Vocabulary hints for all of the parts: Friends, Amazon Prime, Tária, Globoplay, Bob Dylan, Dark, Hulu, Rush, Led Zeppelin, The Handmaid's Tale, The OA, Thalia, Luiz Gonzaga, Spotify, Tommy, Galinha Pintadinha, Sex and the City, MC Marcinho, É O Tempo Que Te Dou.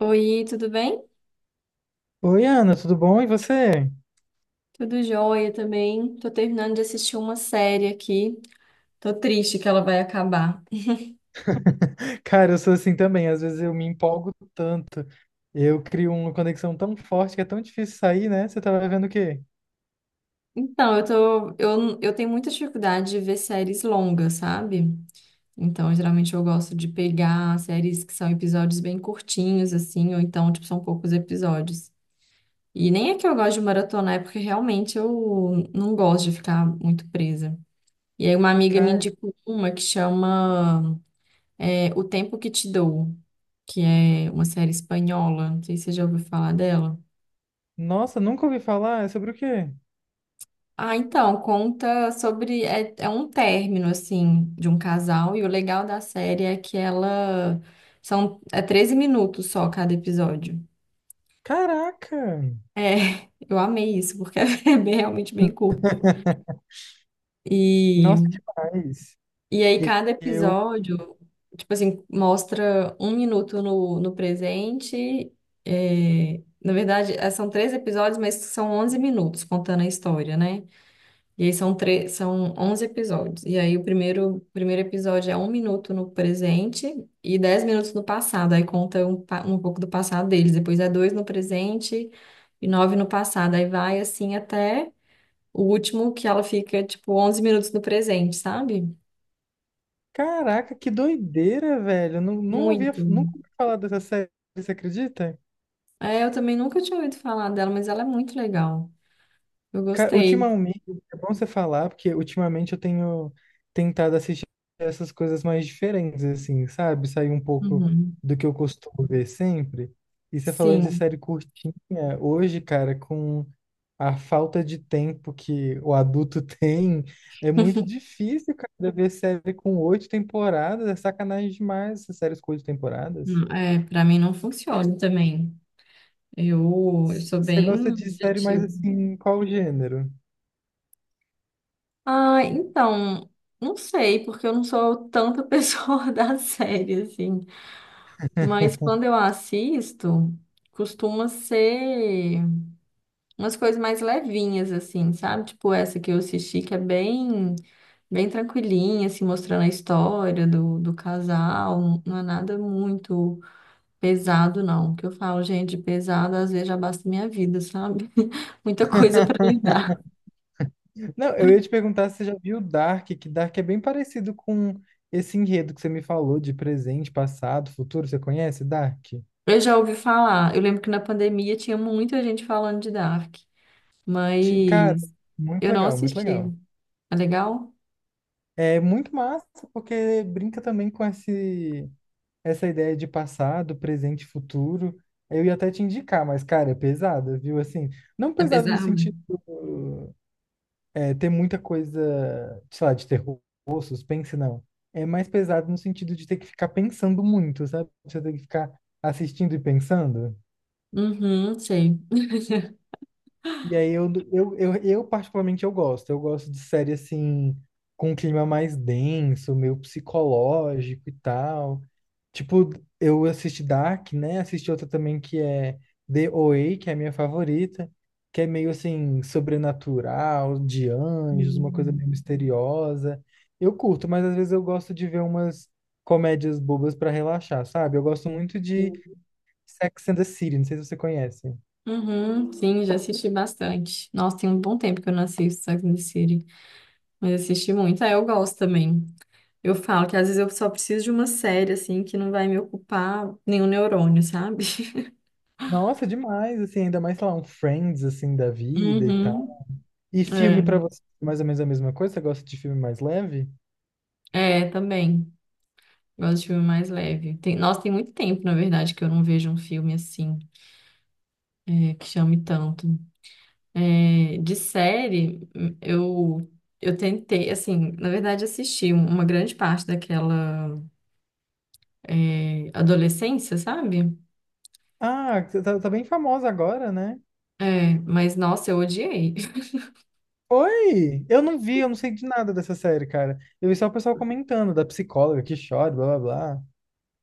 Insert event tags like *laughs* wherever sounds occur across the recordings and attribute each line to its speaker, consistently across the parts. Speaker 1: Oi, tudo bem?
Speaker 2: Oi, Ana, tudo bom? E você?
Speaker 1: Tudo jóia também. Tô terminando de assistir uma série aqui. Tô triste que ela vai acabar.
Speaker 2: Cara, eu sou assim também. Às vezes eu me empolgo tanto. Eu crio uma conexão tão forte que é tão difícil sair, né? Você tava vendo o quê?
Speaker 1: Então, eu tenho muita dificuldade de ver séries longas, sabe? Então, geralmente eu gosto de pegar séries que são episódios bem curtinhos, assim, ou então, tipo, são poucos episódios. E nem é que eu gosto de maratonar, é porque realmente eu não gosto de ficar muito presa. E aí uma amiga me
Speaker 2: Cara,
Speaker 1: indicou uma que chama É O Tempo Que Te Dou, que é uma série espanhola. Não sei se você já ouviu falar dela.
Speaker 2: nossa, nunca ouvi falar. É sobre o quê?
Speaker 1: Ah, então, conta sobre. É, é um término, assim, de um casal. E o legal da série é que ela. São, é 13 minutos só cada episódio.
Speaker 2: Caraca!
Speaker 1: É, *laughs* eu amei isso, porque *laughs* realmente bem curta.
Speaker 2: *laughs* Nossa,
Speaker 1: E
Speaker 2: demais.
Speaker 1: E aí,
Speaker 2: E
Speaker 1: cada
Speaker 2: Eu,
Speaker 1: episódio, tipo assim, mostra um minuto no presente. É, na verdade, é, são três episódios, mas são 11 minutos contando a história, né? E aí são 11 episódios. E aí, o primeiro episódio é 1 minuto no presente e 10 minutos no passado. Aí conta um pouco do passado deles. Depois é dois no presente e nove no passado. Aí vai assim até o último, que ela fica, tipo, 11 minutos no presente, sabe?
Speaker 2: caraca, que doideira, velho. Eu Não, não ouvia,
Speaker 1: Muito.
Speaker 2: nunca ouvi falar dessa série, você acredita?
Speaker 1: É, eu também nunca tinha ouvido falar dela, mas ela é muito legal. Eu
Speaker 2: Cara,
Speaker 1: gostei.
Speaker 2: ultimamente, é bom você falar, porque ultimamente eu tenho tentado assistir essas coisas mais diferentes, assim, sabe? Sair um pouco
Speaker 1: Uhum.
Speaker 2: do que eu costumo ver sempre. E você falando de
Speaker 1: Sim,
Speaker 2: série curtinha, hoje, cara, com a falta de tempo que o adulto *laughs* tem, é muito difícil, cara, ver série com oito temporadas. É sacanagem demais essas séries com oito temporadas.
Speaker 1: É, para mim não funciona também. Eu sou
Speaker 2: Você gosta
Speaker 1: bem
Speaker 2: de série mais
Speaker 1: objetiva.
Speaker 2: assim, qual gênero?
Speaker 1: Ah, então, não sei, porque eu não sou tanta pessoa *laughs* da série, assim. Mas quando eu assisto, costuma ser umas coisas mais levinhas, assim, sabe? Tipo essa que eu assisti, que é bem, bem tranquilinha, assim, mostrando a história do, casal. Não é nada muito pesado, não. Que eu falo, gente, pesado às vezes já basta minha vida, sabe? *laughs* Muita coisa para
Speaker 2: *laughs*
Speaker 1: lidar.
Speaker 2: Não, eu ia te perguntar se você já viu Dark, que Dark é bem parecido com esse enredo que você me falou de presente, passado, futuro. Você conhece Dark?
Speaker 1: Eu já ouvi falar, eu lembro que na pandemia tinha muita gente falando de Dark,
Speaker 2: Cara,
Speaker 1: mas
Speaker 2: muito
Speaker 1: eu não
Speaker 2: legal, muito
Speaker 1: assisti.
Speaker 2: legal.
Speaker 1: É legal?
Speaker 2: É muito massa porque brinca também com essa ideia de passado, presente, e futuro. Eu ia até te indicar, mas, cara, é pesada, viu? Assim, não
Speaker 1: É
Speaker 2: pesada no
Speaker 1: pesado?
Speaker 2: sentido é, ter muita coisa, sei lá, de terror, suspense, não. É mais pesado no sentido de ter que ficar pensando muito, sabe? Você tem que ficar assistindo e pensando.
Speaker 1: Uhum, sei. *laughs*
Speaker 2: E aí eu particularmente eu gosto. Eu gosto de série assim com um clima mais denso, meio psicológico e tal. Tipo, eu assisti Dark, né? Assisti outra também que é The OA, que é a minha favorita, que é meio assim sobrenatural, de anjos, uma coisa meio
Speaker 1: Hum.
Speaker 2: misteriosa. Eu curto, mas às vezes eu gosto de ver umas comédias bobas pra relaxar, sabe? Eu gosto muito de
Speaker 1: Sim.
Speaker 2: Sex and the City, não sei se você conhece.
Speaker 1: Uhum, sim, já assisti bastante. Nossa, tem um bom tempo que eu não assisto Sex and the City. Mas assisti muito. Ah, eu gosto também. Eu falo que às vezes eu só preciso de uma série, assim, que não vai me ocupar nenhum neurônio, sabe? *laughs*
Speaker 2: Nossa, demais, assim, ainda mais, sei lá, um Friends, assim, da vida e tal.
Speaker 1: Uhum.
Speaker 2: E filme
Speaker 1: É,
Speaker 2: pra você, mais ou menos a mesma coisa? Você gosta de filme mais leve?
Speaker 1: é, também. Gosto de filme mais leve. Tem, nossa, tem muito tempo, na verdade, que eu não vejo um filme assim, é, que chame tanto. É, de série, eu, eu tentei, assim, na verdade, assisti uma grande parte daquela, é, adolescência, sabe?
Speaker 2: Ah, você tá bem famosa agora, né?
Speaker 1: É, mas nossa, eu odiei.
Speaker 2: Oi! Eu não vi, eu não sei de nada dessa série, cara. Eu vi só o pessoal comentando, da psicóloga que chora, blá, blá, blá.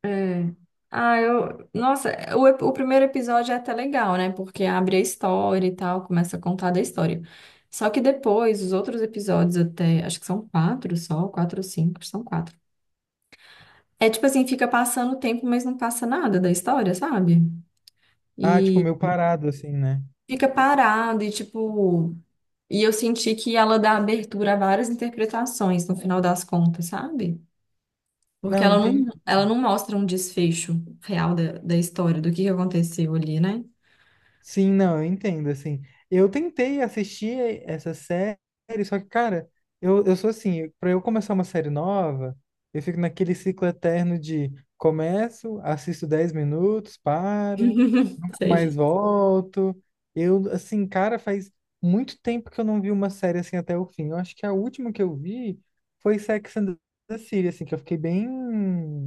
Speaker 1: É. Ah, eu. Nossa, o primeiro episódio é até legal, né? Porque abre a história e tal, começa a contar da história. Só que depois, os outros episódios, até. Acho que são quatro só, quatro ou cinco, são quatro. É tipo assim, fica passando o tempo, mas não passa nada da história, sabe?
Speaker 2: Ah, tipo,
Speaker 1: E
Speaker 2: meio parado, assim, né?
Speaker 1: fica parado e tipo. E eu senti que ela dá abertura a várias interpretações no final das contas, sabe? Porque
Speaker 2: Não,
Speaker 1: ela não mostra um desfecho real da história, do que aconteceu ali, né?
Speaker 2: Sim, não, eu entendo, assim. Eu tentei assistir essa série, só que, cara, eu sou assim, pra eu começar uma série nova, eu fico naquele ciclo eterno de começo, assisto 10 minutos, paro,
Speaker 1: *laughs*
Speaker 2: mais
Speaker 1: Sei.
Speaker 2: volto. Eu, assim, cara, faz muito tempo que eu não vi uma série assim até o fim. Eu acho que a última que eu vi foi Sex and the City, assim, que eu fiquei bem.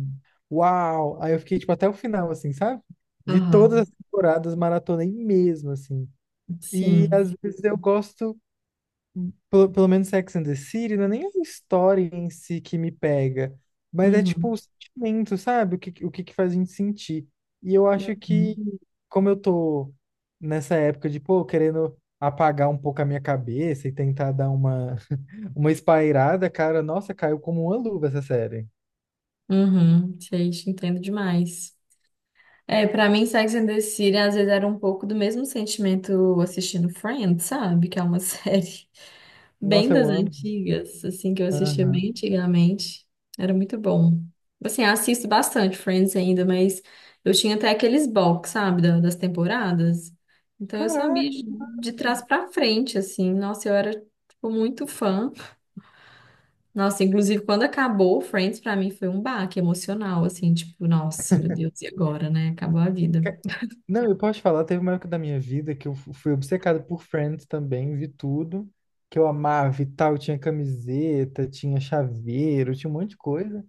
Speaker 2: Uau! Aí eu fiquei, tipo, até o final, assim, sabe? Vi todas as
Speaker 1: Aham,
Speaker 2: temporadas, maratonei mesmo, assim. E às
Speaker 1: sim.
Speaker 2: vezes eu gosto. Pelo menos Sex and the City, não é nem a história em si que me pega, mas é tipo
Speaker 1: Uhum.
Speaker 2: o sentimento, sabe? O que que faz a gente sentir. E eu acho que,
Speaker 1: Uhum.
Speaker 2: como eu tô nessa época de, pô, querendo apagar um pouco a minha cabeça e tentar dar uma, *laughs* uma espairada, cara, nossa, caiu como uma luva essa série.
Speaker 1: Uhum. Sei, te entendo demais. É, pra mim, Sex and the City às vezes era um pouco do mesmo sentimento assistindo Friends, sabe? Que é uma *laughs* série bem
Speaker 2: Nossa, eu
Speaker 1: das
Speaker 2: amo.
Speaker 1: antigas, assim, que eu assistia bem
Speaker 2: Aham.
Speaker 1: antigamente. Era muito bom. Assim, eu assisto bastante Friends ainda, mas eu tinha até aqueles box, sabe, das temporadas. Então eu sabia
Speaker 2: Caraca!
Speaker 1: de trás pra frente, assim. Nossa, eu era, tipo, muito fã. Nossa, inclusive quando acabou Friends, pra mim foi um baque emocional, assim, tipo, nossa, meu Deus, e agora, né? Acabou a vida.
Speaker 2: Não, eu posso falar, teve uma época da minha vida que eu fui obcecado por Friends também, vi tudo, que eu amava e tal, tinha camiseta, tinha chaveiro, tinha um monte de coisa.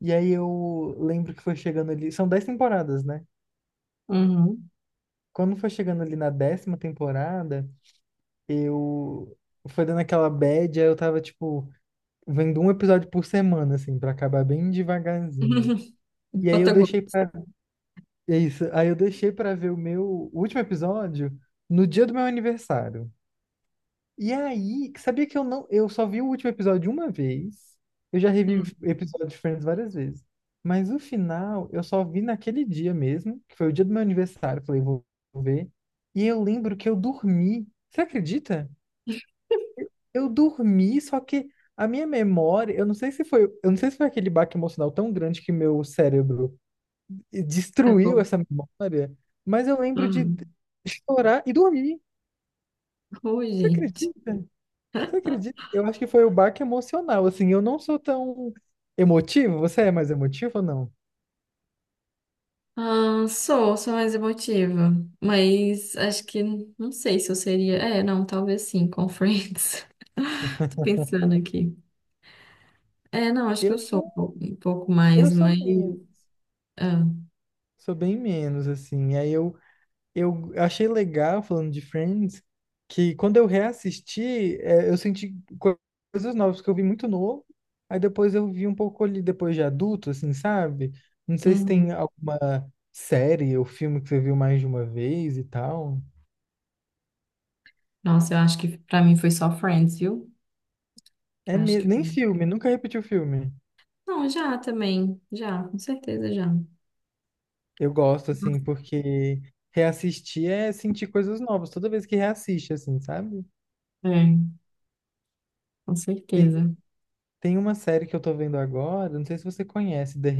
Speaker 2: E aí eu lembro que foi chegando ali, são dez temporadas, né?
Speaker 1: Uhum.
Speaker 2: Quando foi chegando ali na décima temporada, eu foi dando aquela bad, aí eu tava, tipo, vendo um episódio por semana, assim, pra acabar bem devagarzinho.
Speaker 1: *laughs*
Speaker 2: E aí eu
Speaker 1: Bota
Speaker 2: deixei
Speaker 1: gosto.
Speaker 2: pra... É isso, aí eu deixei pra ver o meu último episódio no dia do meu aniversário. E aí, sabia que eu não, eu só vi o último episódio uma vez. Eu já revi
Speaker 1: Hum,
Speaker 2: episódios diferentes várias vezes. Mas o final, eu só vi naquele dia mesmo, que foi o dia do meu aniversário, falei, vou ver. E eu lembro que eu dormi. Você acredita? Eu dormi, só que a minha memória, eu não sei se foi, eu não sei se foi aquele baque emocional tão grande que meu cérebro destruiu
Speaker 1: Acabou.
Speaker 2: essa memória, mas eu lembro de
Speaker 1: Hum.
Speaker 2: chorar e dormir.
Speaker 1: Oi,
Speaker 2: Você
Speaker 1: gente.
Speaker 2: acredita? Você acredita? Eu acho que foi o baque emocional. Assim, eu não sou tão emotivo. Você é mais emotivo ou não?
Speaker 1: Ah, sou mais emotiva, mas acho que não sei se eu seria. É, não, talvez sim, com Friends. *laughs* Tô pensando aqui. É, não, acho que eu
Speaker 2: Eu
Speaker 1: sou
Speaker 2: sou,
Speaker 1: um pouco
Speaker 2: eu
Speaker 1: mais,
Speaker 2: sou
Speaker 1: mas.
Speaker 2: menos.
Speaker 1: Ah.
Speaker 2: Sou bem menos, assim. Aí eu achei legal, falando de Friends, que quando eu reassisti, é, eu senti co- coisas novas, porque eu vi muito novo. Aí depois eu vi um pouco ali, depois de adulto, assim, sabe? Não sei se
Speaker 1: Uhum.
Speaker 2: tem alguma série ou filme que você viu mais de uma vez e tal.
Speaker 1: Nossa, eu acho que pra mim foi só Friends, viu?
Speaker 2: É
Speaker 1: Eu acho que.
Speaker 2: mesmo, nem filme, nunca repeti o filme.
Speaker 1: Não, já também. Já, com certeza já.
Speaker 2: Eu gosto, assim, porque reassistir é sentir coisas novas, toda vez que reassiste, assim, sabe?
Speaker 1: É, com
Speaker 2: Tem,
Speaker 1: certeza.
Speaker 2: tem uma série que eu tô vendo agora, não sei se você conhece, The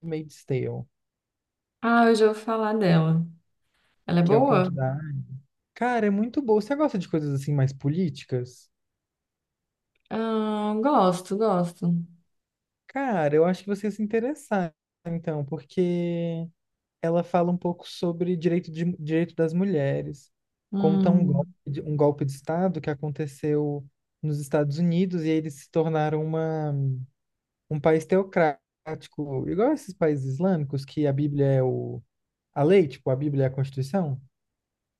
Speaker 2: Handmaid's Tale,
Speaker 1: Ah, eu já ouvi falar dela. Ela é
Speaker 2: que é o
Speaker 1: boa?
Speaker 2: conto da... Cara, é muito boa. Você gosta de coisas, assim, mais políticas?
Speaker 1: Ah, gosto, gosto.
Speaker 2: Cara, eu acho que você ia se interessar, então, porque ela fala um pouco sobre direito, de, direito das mulheres, conta um golpe,
Speaker 1: Hum,
Speaker 2: um golpe de Estado que aconteceu nos Estados Unidos e eles se tornaram uma um país teocrático, igual esses países islâmicos, que a Bíblia é o, a lei, tipo, a Bíblia é a Constituição,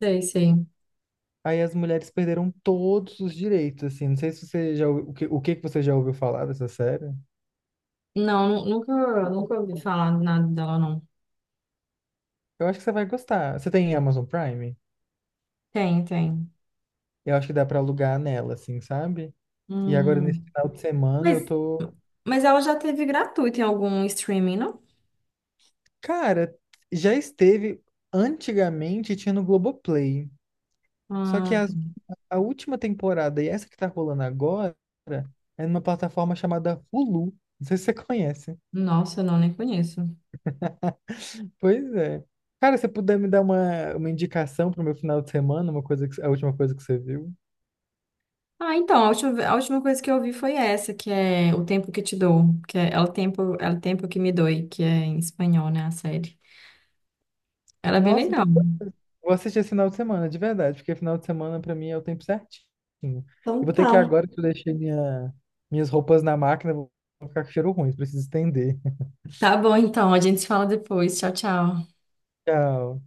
Speaker 1: sei, sei.
Speaker 2: aí as mulheres perderam todos os direitos, assim. Não sei se você já, o que que você já ouviu falar dessa série.
Speaker 1: Não, nunca ouvi falar nada dela, não.
Speaker 2: Eu acho que você vai gostar. Você tem Amazon Prime?
Speaker 1: Tem, tem.
Speaker 2: Eu acho que dá pra alugar nela, assim, sabe? E agora, nesse
Speaker 1: Hum,
Speaker 2: final de semana,
Speaker 1: mas,
Speaker 2: eu tô...
Speaker 1: mas ela já teve gratuito em algum streaming, não?
Speaker 2: Cara, já esteve... Antigamente tinha no Globoplay. Só que
Speaker 1: Ah, tá.
Speaker 2: as a última temporada e essa que tá rolando agora é numa plataforma chamada Hulu. Não sei se você conhece.
Speaker 1: Nossa, não, nem conheço.
Speaker 2: *laughs* Pois é. Cara, se você puder me dar uma indicação pro meu final de semana, uma coisa que, a última coisa que você viu.
Speaker 1: Ah, então, a última coisa que eu ouvi foi essa, que é O Tempo Que Te Dou, que é El Tempo, El Tempo Que Me Doi, que é em espanhol, né, a série. Ela é bem
Speaker 2: Nossa,
Speaker 1: legal.
Speaker 2: então vou assistir esse final de semana, de verdade, porque final de semana pra mim é o tempo certinho. E
Speaker 1: Então
Speaker 2: vou ter que ir
Speaker 1: tá.
Speaker 2: agora que eu deixei minha, minhas roupas na máquina, vou ficar com cheiro ruim, preciso estender. *laughs*
Speaker 1: Tá bom, então, a gente se fala depois. Tchau, tchau.
Speaker 2: Tchau.